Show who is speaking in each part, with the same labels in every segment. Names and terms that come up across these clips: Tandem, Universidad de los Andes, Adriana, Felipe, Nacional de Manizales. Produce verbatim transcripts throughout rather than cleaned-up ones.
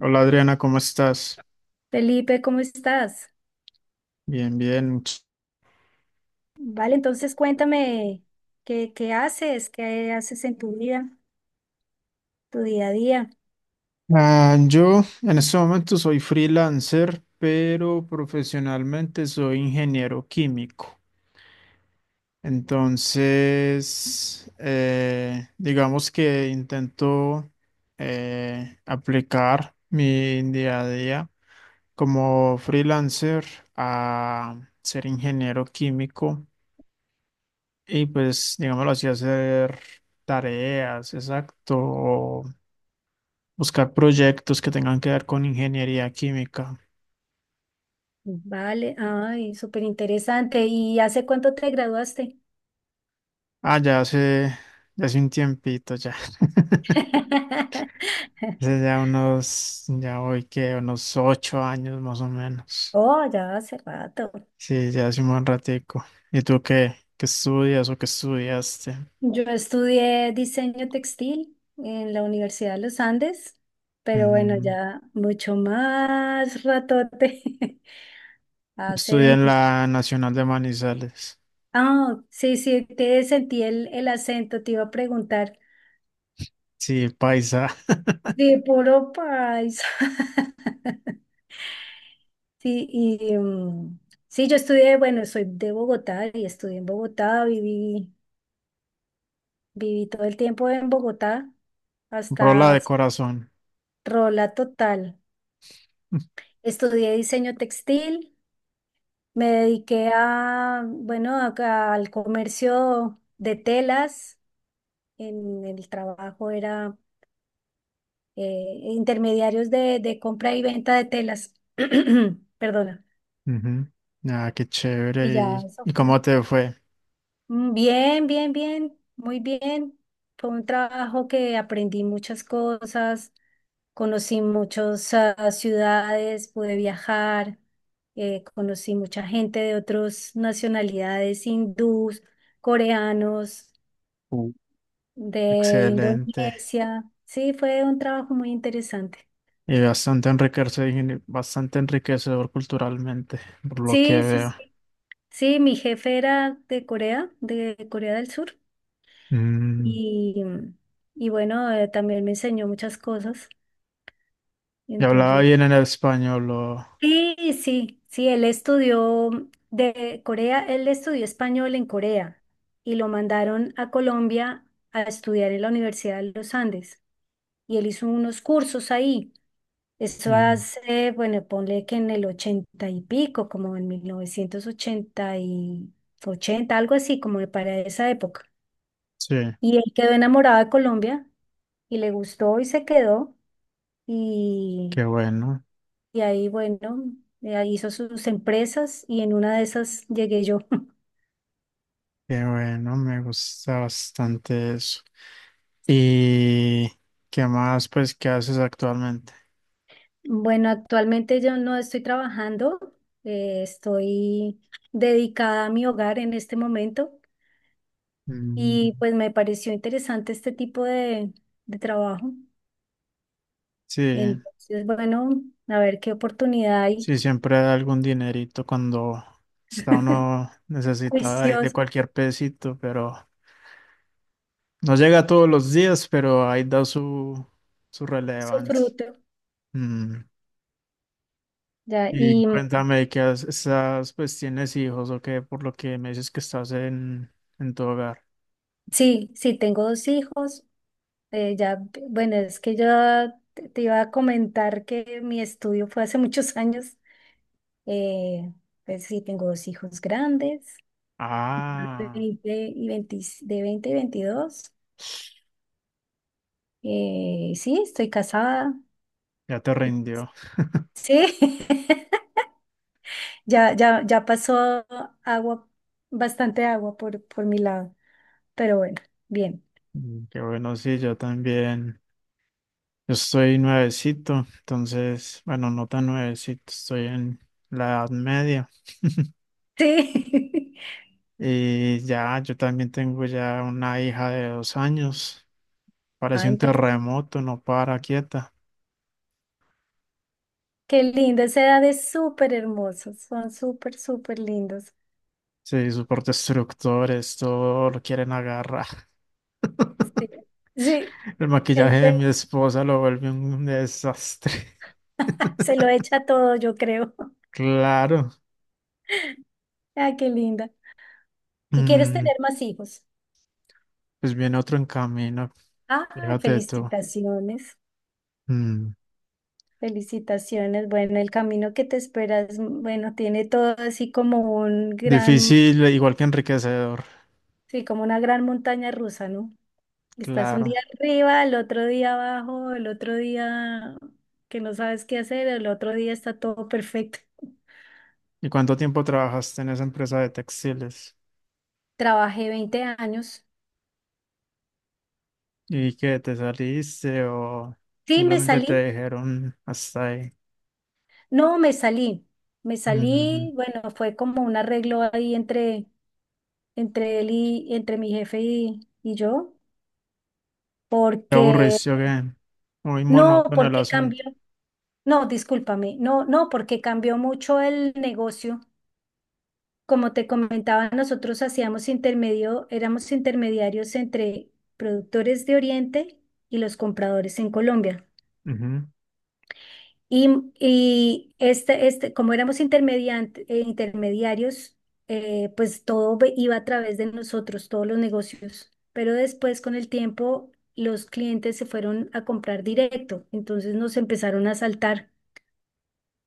Speaker 1: Hola, Adriana, ¿cómo estás?
Speaker 2: Felipe, ¿cómo estás?
Speaker 1: Bien, bien. much-
Speaker 2: Vale, entonces cuéntame qué, qué haces, qué haces en tu vida, tu día a día.
Speaker 1: Ah, yo en este momento soy freelancer, pero profesionalmente soy ingeniero químico. Entonces, eh, digamos que intento eh, aplicar mi día a día como freelancer a ser ingeniero químico y pues, digámoslo así, hacer tareas, exacto. Buscar proyectos que tengan que ver con ingeniería química.
Speaker 2: Vale, ay, súper interesante. ¿Y hace cuánto te graduaste?
Speaker 1: Ah, ya hace, ya hace un tiempito ya. Hace ya unos, ya hoy que unos ocho años más o menos.
Speaker 2: Oh, ya hace rato.
Speaker 1: Sí, ya hace un buen ratico. ¿Y tú qué? ¿Qué estudias o qué estudiaste?
Speaker 2: Yo estudié diseño textil en la Universidad de los Andes, pero bueno,
Speaker 1: Mm.
Speaker 2: ya mucho más ratote. Hace.
Speaker 1: Estudié en la Nacional de Manizales.
Speaker 2: Ah, sí, sí, te sentí el, el acento, te iba a preguntar.
Speaker 1: Sí, paisa.
Speaker 2: Sí, puro paisa. Sí, y mm, sí, yo estudié, bueno, soy de Bogotá y estudié en Bogotá, viví, viví todo el tiempo en Bogotá
Speaker 1: Rola
Speaker 2: hasta
Speaker 1: de corazón.
Speaker 2: rola total. Estudié diseño textil, me dediqué a, bueno, a- al comercio de telas. En el trabajo era eh, intermediarios de, de compra y venta de telas. Perdona.
Speaker 1: Ujú. Ah, qué
Speaker 2: Y
Speaker 1: chévere.
Speaker 2: ya,
Speaker 1: ¿Y,
Speaker 2: eso
Speaker 1: y
Speaker 2: fue.
Speaker 1: cómo te fue?
Speaker 2: Mm, bien, bien, bien, muy bien. Fue un trabajo que aprendí muchas cosas, conocí muchas ah, ciudades, pude viajar, eh, conocí mucha gente de otras nacionalidades, hindús, coreanos,
Speaker 1: Uh.
Speaker 2: de
Speaker 1: Excelente.
Speaker 2: Indonesia. Sí, fue un trabajo muy interesante.
Speaker 1: Y bastante enriquecedor, bastante enriquecedor culturalmente, por lo que
Speaker 2: Sí, sí,
Speaker 1: veo.
Speaker 2: sí. Sí, mi jefe era de Corea, de Corea del Sur,
Speaker 1: Mm,
Speaker 2: y, y bueno, eh, también me enseñó muchas cosas.
Speaker 1: ¿y hablaba
Speaker 2: Entonces,
Speaker 1: bien en el español, o...?
Speaker 2: sí, sí, sí, él estudió de Corea, él estudió español en Corea y lo mandaron a Colombia a estudiar en la Universidad de los Andes y él hizo unos cursos ahí. Eso
Speaker 1: Mm,
Speaker 2: hace, bueno, ponle que en el ochenta y pico, como en mil novecientos ochenta y ochenta, algo así, como para esa época.
Speaker 1: sí,
Speaker 2: Y él quedó enamorado de Colombia y le gustó y se quedó. Y,
Speaker 1: qué bueno,
Speaker 2: y ahí, bueno, eh, ahí hizo sus empresas y en una de esas llegué yo.
Speaker 1: qué bueno, me gusta bastante eso. ¿Y qué más, pues, qué haces actualmente?
Speaker 2: Bueno, actualmente yo no estoy trabajando, eh, estoy dedicada a mi hogar en este momento
Speaker 1: Mm,
Speaker 2: y pues me pareció interesante este tipo de, de trabajo.
Speaker 1: sí,
Speaker 2: Entonces, bueno, a ver qué oportunidad hay.
Speaker 1: sí, siempre da algún dinerito cuando está uno necesitado ahí de
Speaker 2: Juicioso,
Speaker 1: cualquier pesito, pero no llega todos los días, pero ahí da su, su
Speaker 2: su
Speaker 1: relevancia.
Speaker 2: fruto.
Speaker 1: Mm.
Speaker 2: Ya,
Speaker 1: Y
Speaker 2: y
Speaker 1: cuéntame que has- estás, pues tienes hijos o qué, por lo que me dices que estás en, en tu hogar.
Speaker 2: sí, sí, tengo dos hijos. Eh, ya, bueno, es que yo te te iba a comentar que mi estudio fue hace muchos años. Eh, pues sí, tengo dos hijos grandes,
Speaker 1: Ah,
Speaker 2: veinte y veintidós de veinte y veintidós. Eh, sí, estoy casada.
Speaker 1: ya te rindió.
Speaker 2: Sí, ya, ya, ya pasó agua, bastante agua por, por mi lado, pero bueno, bien.
Speaker 1: Mm. Qué bueno, sí, yo también. Yo estoy nuevecito, entonces, bueno, no tan nuevecito, estoy en la edad media.
Speaker 2: Sí.
Speaker 1: Y ya, yo también tengo ya una hija de dos años. Parece
Speaker 2: Ay,
Speaker 1: un
Speaker 2: pero
Speaker 1: terremoto, no para quieta.
Speaker 2: qué lindo, esa edad es súper hermosos, son súper, súper lindos.
Speaker 1: Sí, sus destructores, todo lo quieren agarrar.
Speaker 2: Sí. Sí,
Speaker 1: El maquillaje
Speaker 2: Es
Speaker 1: de mi
Speaker 2: ver-
Speaker 1: esposa lo vuelve un desastre.
Speaker 2: se lo echa todo, yo creo.
Speaker 1: Claro.
Speaker 2: Ah, qué linda. ¿Y quieres
Speaker 1: Mm,
Speaker 2: tener más hijos?
Speaker 1: pues viene otro en camino.
Speaker 2: Ah,
Speaker 1: Fíjate tú.
Speaker 2: felicitaciones,
Speaker 1: Mm,
Speaker 2: felicitaciones. Bueno, el camino que te esperas, mm, bueno, tiene todo así como un gran,
Speaker 1: difícil, igual que enriquecedor.
Speaker 2: sí, como una gran montaña rusa, ¿no? Estás un
Speaker 1: Claro.
Speaker 2: día arriba, el otro día abajo, el otro día que no sabes qué hacer, el otro día está todo perfecto.
Speaker 1: ¿Y cuánto tiempo trabajaste en esa empresa de textiles?
Speaker 2: Trabajé veinte años.
Speaker 1: ¿Y que te saliste o
Speaker 2: Sí, me
Speaker 1: simplemente te
Speaker 2: salí.
Speaker 1: dijeron hasta ahí?
Speaker 2: No, me salí, me
Speaker 1: Mm.
Speaker 2: salí, bueno, fue como un arreglo ahí entre, entre él y entre mi jefe y, y yo,
Speaker 1: ¿Te
Speaker 2: porque,
Speaker 1: aburriste o qué aburricio que muy
Speaker 2: no,
Speaker 1: monótono el
Speaker 2: porque
Speaker 1: asunto?
Speaker 2: cambió, no, discúlpame, no, no, porque cambió mucho el negocio. Como te comentaba, nosotros hacíamos intermedio, éramos intermediarios entre productores de Oriente y los compradores en Colombia.
Speaker 1: Ujú.
Speaker 2: Y, y este, este, como éramos intermediante- eh, intermediarios, eh, pues todo ve- iba a través de nosotros, todos los negocios. Pero después, con el tiempo, los clientes se fueron a comprar directo, entonces nos empezaron a saltar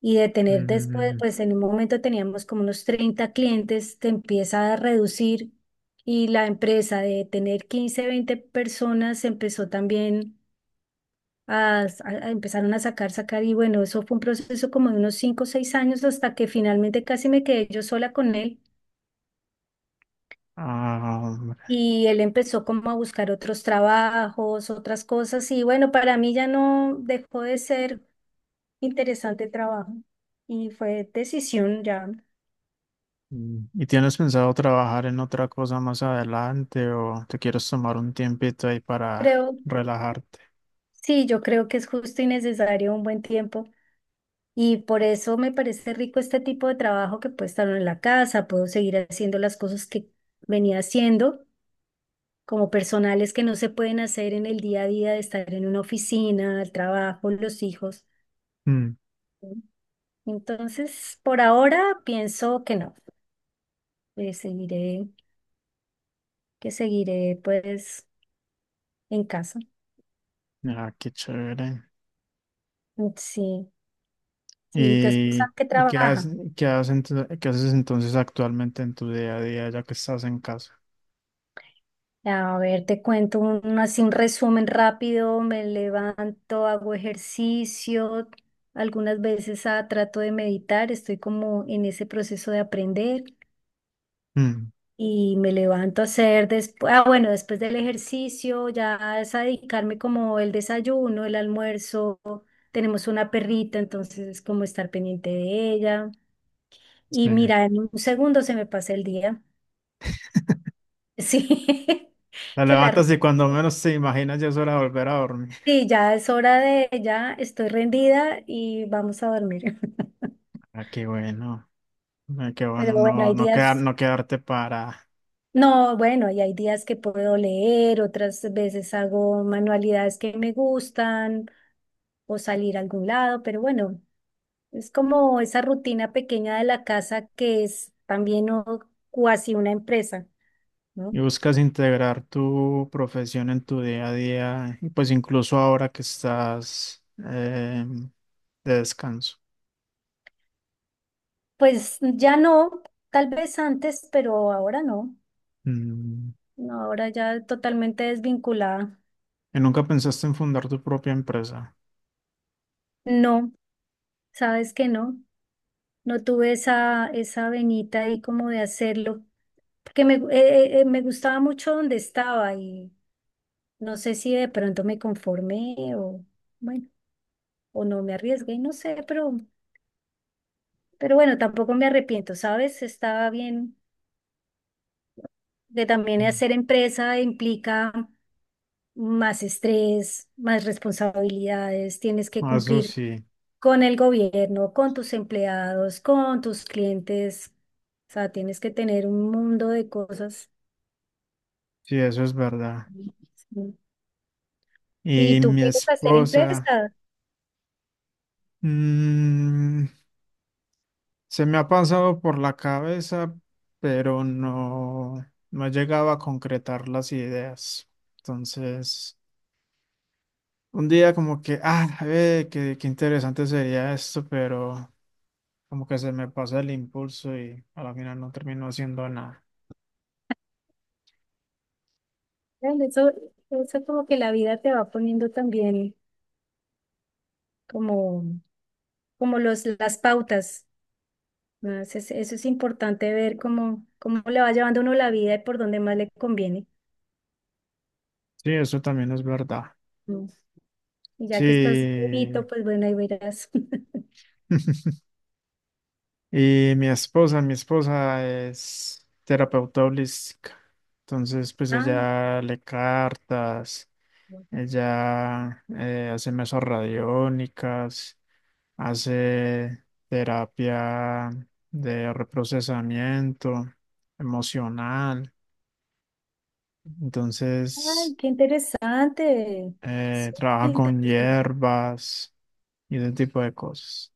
Speaker 2: y de tener después,
Speaker 1: Mm,
Speaker 2: pues en un momento teníamos como unos treinta clientes, te empieza a reducir y la empresa de tener quince veinte personas empezó también a, a- a- empezaron a sacar, sacar, y bueno, eso fue un proceso como de unos cinco o seis años hasta que finalmente casi me quedé yo sola con él
Speaker 1: ah,
Speaker 2: y él empezó como a buscar otros trabajos, otras cosas, y bueno, para mí ya no dejó de ser interesante el trabajo y fue decisión ya.
Speaker 1: Mm. ¿Y tienes pensado trabajar en otra cosa más adelante o te quieres tomar un tiempito ahí para
Speaker 2: Creo,
Speaker 1: relajarte?
Speaker 2: sí, yo creo que es justo y necesario un buen tiempo. Y por eso me parece rico este tipo de trabajo que puedo estar en la casa, puedo seguir haciendo las cosas que venía haciendo como personales que no se pueden hacer en el día a día de estar en una oficina, el trabajo, los hijos.
Speaker 1: Mm.
Speaker 2: Entonces, por ahora pienso que no, que seguiré, que seguiré pues en casa.
Speaker 1: Ah, qué chévere.
Speaker 2: Sí, sí, tu esposa
Speaker 1: ¿Y,
Speaker 2: que
Speaker 1: y qué
Speaker 2: trabaja.
Speaker 1: haces, qué haces, ento- qué haces entonces actualmente en tu día a día ya que estás en casa?
Speaker 2: A ver, te cuento un, así un resumen rápido, me levanto, hago ejercicio, algunas veces ah, trato de meditar, estoy como en ese proceso de aprender.
Speaker 1: Mm,
Speaker 2: Y me levanto a hacer después, ah, bueno, después del ejercicio, ya es a dedicarme como el desayuno, el almuerzo. Tenemos una perrita, entonces es como estar pendiente de ella. Y
Speaker 1: sí.
Speaker 2: mira, en un segundo se me pasa el día. Sí,
Speaker 1: Te
Speaker 2: que la
Speaker 1: levantas
Speaker 2: ropa.
Speaker 1: y cuando menos te imaginas ya es hora de volver a dormir.
Speaker 2: Sí, ya es hora de, ya estoy rendida y vamos a dormir.
Speaker 1: Ah, qué bueno. Ah, qué
Speaker 2: Pero
Speaker 1: bueno
Speaker 2: bueno,
Speaker 1: no,
Speaker 2: hay
Speaker 1: no, quedar,
Speaker 2: días,
Speaker 1: no quedarte para...
Speaker 2: no, bueno, y hay días que puedo leer, otras veces hago manualidades que me gustan, o salir a algún lado, pero bueno, es como esa rutina pequeña de la casa que es también o- cuasi una empresa, ¿no?
Speaker 1: Y buscas integrar tu profesión en tu día a día, y pues incluso ahora que estás eh, de descanso.
Speaker 2: Pues ya no, tal vez antes, pero ahora no,
Speaker 1: Mm.
Speaker 2: no, ahora ya totalmente desvinculada.
Speaker 1: Y nunca pensaste en fundar tu propia empresa.
Speaker 2: No, sabes que no, no tuve esa, esa venita ahí como de hacerlo, porque me, gu- eh, eh, me gustaba mucho donde estaba y no sé si de pronto me conformé o, bueno, o no me arriesgué, no sé, pero... Pero bueno, tampoco me arrepiento, ¿sabes? Estaba bien de también
Speaker 1: Mm.
Speaker 2: hacer empresa implica más estrés, más responsabilidades, tienes que
Speaker 1: Ah, eso
Speaker 2: cumplir
Speaker 1: sí,
Speaker 2: con el gobierno, con tus empleados, con tus clientes. O sea, tienes que tener un mundo de cosas.
Speaker 1: sí, eso es verdad.
Speaker 2: Sí. Si
Speaker 1: Y
Speaker 2: tú
Speaker 1: mi
Speaker 2: quieres hacer
Speaker 1: esposa,
Speaker 2: empresa,
Speaker 1: mm, se me ha pasado por la cabeza, pero no, no llegaba a concretar las ideas. Entonces... Un día como que, ah, eh, qué, qué interesante sería esto, pero como que se me pasa el impulso y a la final no termino haciendo nada.
Speaker 2: ¿vale? eso, eso como que la vida te va poniendo también como, como los, las pautas. Ah, Eso es, eso es importante ver cómo, cómo le va llevando uno la vida y por dónde más le conviene.
Speaker 1: Sí, eso también es verdad.
Speaker 2: Mm. Y ya que estás
Speaker 1: Sí.
Speaker 2: bonito, pues bueno, ahí verás.
Speaker 1: Y mi esposa, mi esposa es terapeuta holística. Entonces, pues
Speaker 2: Ah,
Speaker 1: ella lee cartas, ella eh, hace mesas radiónicas, hace terapia de reprocesamiento emocional.
Speaker 2: ay,
Speaker 1: Entonces,
Speaker 2: qué interesante. Sí,
Speaker 1: eh,
Speaker 2: qué
Speaker 1: trabaja con
Speaker 2: interesante.
Speaker 1: hierbas y ese tipo de cosas.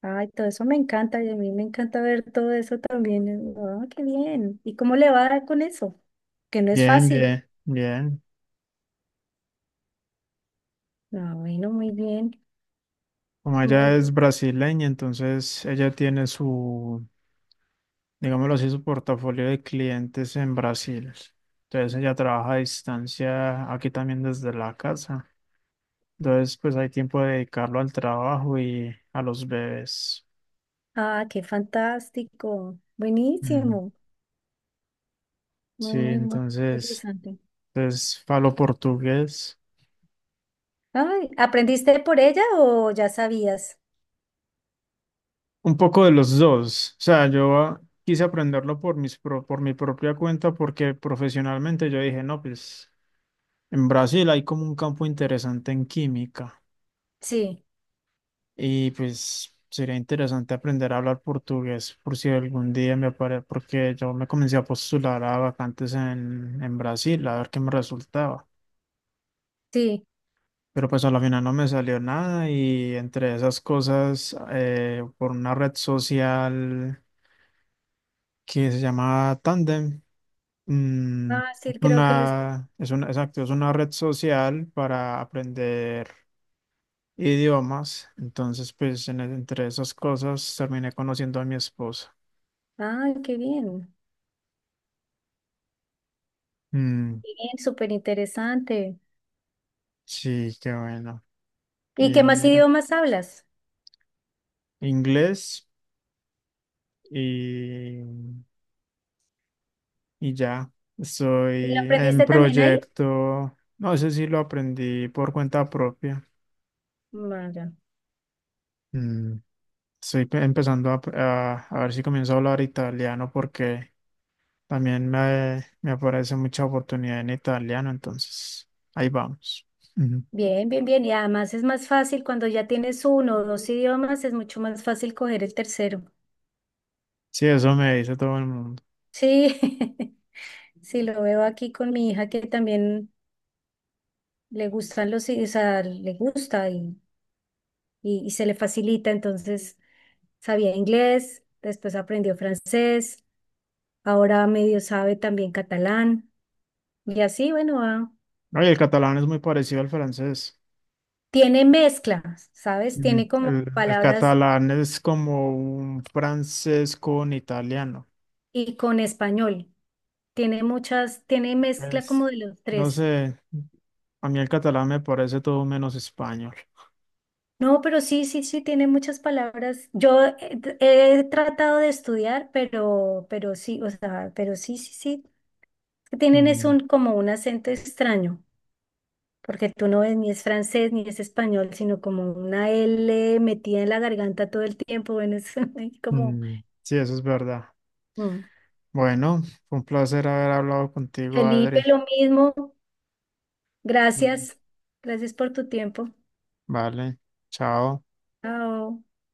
Speaker 2: Ay, todo eso me encanta y a mí me encanta ver todo eso también. Ah, qué bien. ¿Y cómo le va con eso? Que no es
Speaker 1: Bien,
Speaker 2: fácil.
Speaker 1: bien, bien.
Speaker 2: Ah, bueno, muy bien,
Speaker 1: Como
Speaker 2: muy
Speaker 1: ella es
Speaker 2: bien.
Speaker 1: brasileña, entonces ella tiene su, digámoslo así, su portafolio de clientes en Brasil. Entonces ella trabaja a distancia aquí también desde la casa. Entonces pues hay tiempo de dedicarlo al trabajo y a los bebés.
Speaker 2: Ah, qué fantástico.
Speaker 1: Mm.
Speaker 2: Buenísimo.
Speaker 1: Sí,
Speaker 2: Muy, muy, muy
Speaker 1: entonces,
Speaker 2: interesante.
Speaker 1: entonces falo portugués.
Speaker 2: Ay, ¿aprendiste por ella o ya sabías?
Speaker 1: Un poco de los dos. O sea, yo ah, quise aprenderlo por mis pro- por mi propia cuenta porque profesionalmente yo dije, no, pues... En Brasil hay como un campo interesante en química
Speaker 2: Sí,
Speaker 1: y pues sería interesante aprender a hablar portugués por si algún día me aparece, porque yo me comencé a postular a vacantes en, en Brasil a ver qué me resultaba.
Speaker 2: sí.
Speaker 1: Pero pues a la final no me salió nada y entre esas cosas, eh, por una red social que se llama Tandem, mm,
Speaker 2: Ah, sí, creo que les...
Speaker 1: una, es una, exacto, es una red social para aprender idiomas. Entonces, pues en- e, entre esas cosas terminé conociendo a mi esposa.
Speaker 2: Ah, qué bien.
Speaker 1: Mm,
Speaker 2: Qué bien, súper interesante.
Speaker 1: sí, qué bueno.
Speaker 2: ¿Y
Speaker 1: Y
Speaker 2: qué más
Speaker 1: mira,
Speaker 2: idiomas hablas?
Speaker 1: inglés y, y ya.
Speaker 2: ¿Y lo
Speaker 1: Estoy en
Speaker 2: aprendiste también ahí?
Speaker 1: proyecto. No sé si lo aprendí por cuenta propia.
Speaker 2: Ah, ya.
Speaker 1: Mm, estoy pe- empezando a, a- a ver si comienzo a hablar italiano porque también me, me aparece mucha oportunidad en italiano. Entonces, ahí vamos. Ujú.
Speaker 2: Bien, bien, bien. Y además es más fácil cuando ya tienes uno o dos idiomas, es mucho más fácil coger el tercero.
Speaker 1: Sí, eso me dice todo el mundo.
Speaker 2: Sí, sí, lo veo aquí con mi hija que también le gustan los, i- o sea, le gusta y, y, y se le facilita, entonces... Sabía inglés, después aprendió francés, ahora medio sabe también catalán y así, bueno, va.
Speaker 1: No, y el catalán es muy parecido al francés.
Speaker 2: Tiene mezcla, ¿sabes?
Speaker 1: Mm.
Speaker 2: Tiene como
Speaker 1: El, el
Speaker 2: palabras
Speaker 1: catalán es como un francés con italiano.
Speaker 2: y con español. Tiene muchas, tiene mezcla como
Speaker 1: Pues,
Speaker 2: de los
Speaker 1: no
Speaker 2: tres.
Speaker 1: sé, a mí el catalán me parece todo menos español.
Speaker 2: No, pero sí, sí, sí, tiene muchas palabras. Yo he, t- he tratado de estudiar, pero, pero sí, o sea, pero sí, sí, sí. Tienen es
Speaker 1: Mm,
Speaker 2: un, como un acento extraño. Porque tú no ves ni es francés ni es español, sino como una L metida en la garganta todo el tiempo. Bueno, es ahí como
Speaker 1: mm, sí, eso es verdad.
Speaker 2: mm.
Speaker 1: Bueno, fue un placer haber hablado contigo,
Speaker 2: Felipe,
Speaker 1: Adri.
Speaker 2: lo mismo.
Speaker 1: Bueno.
Speaker 2: Gracias. Gracias por tu tiempo.
Speaker 1: Vale, chao.
Speaker 2: Chao.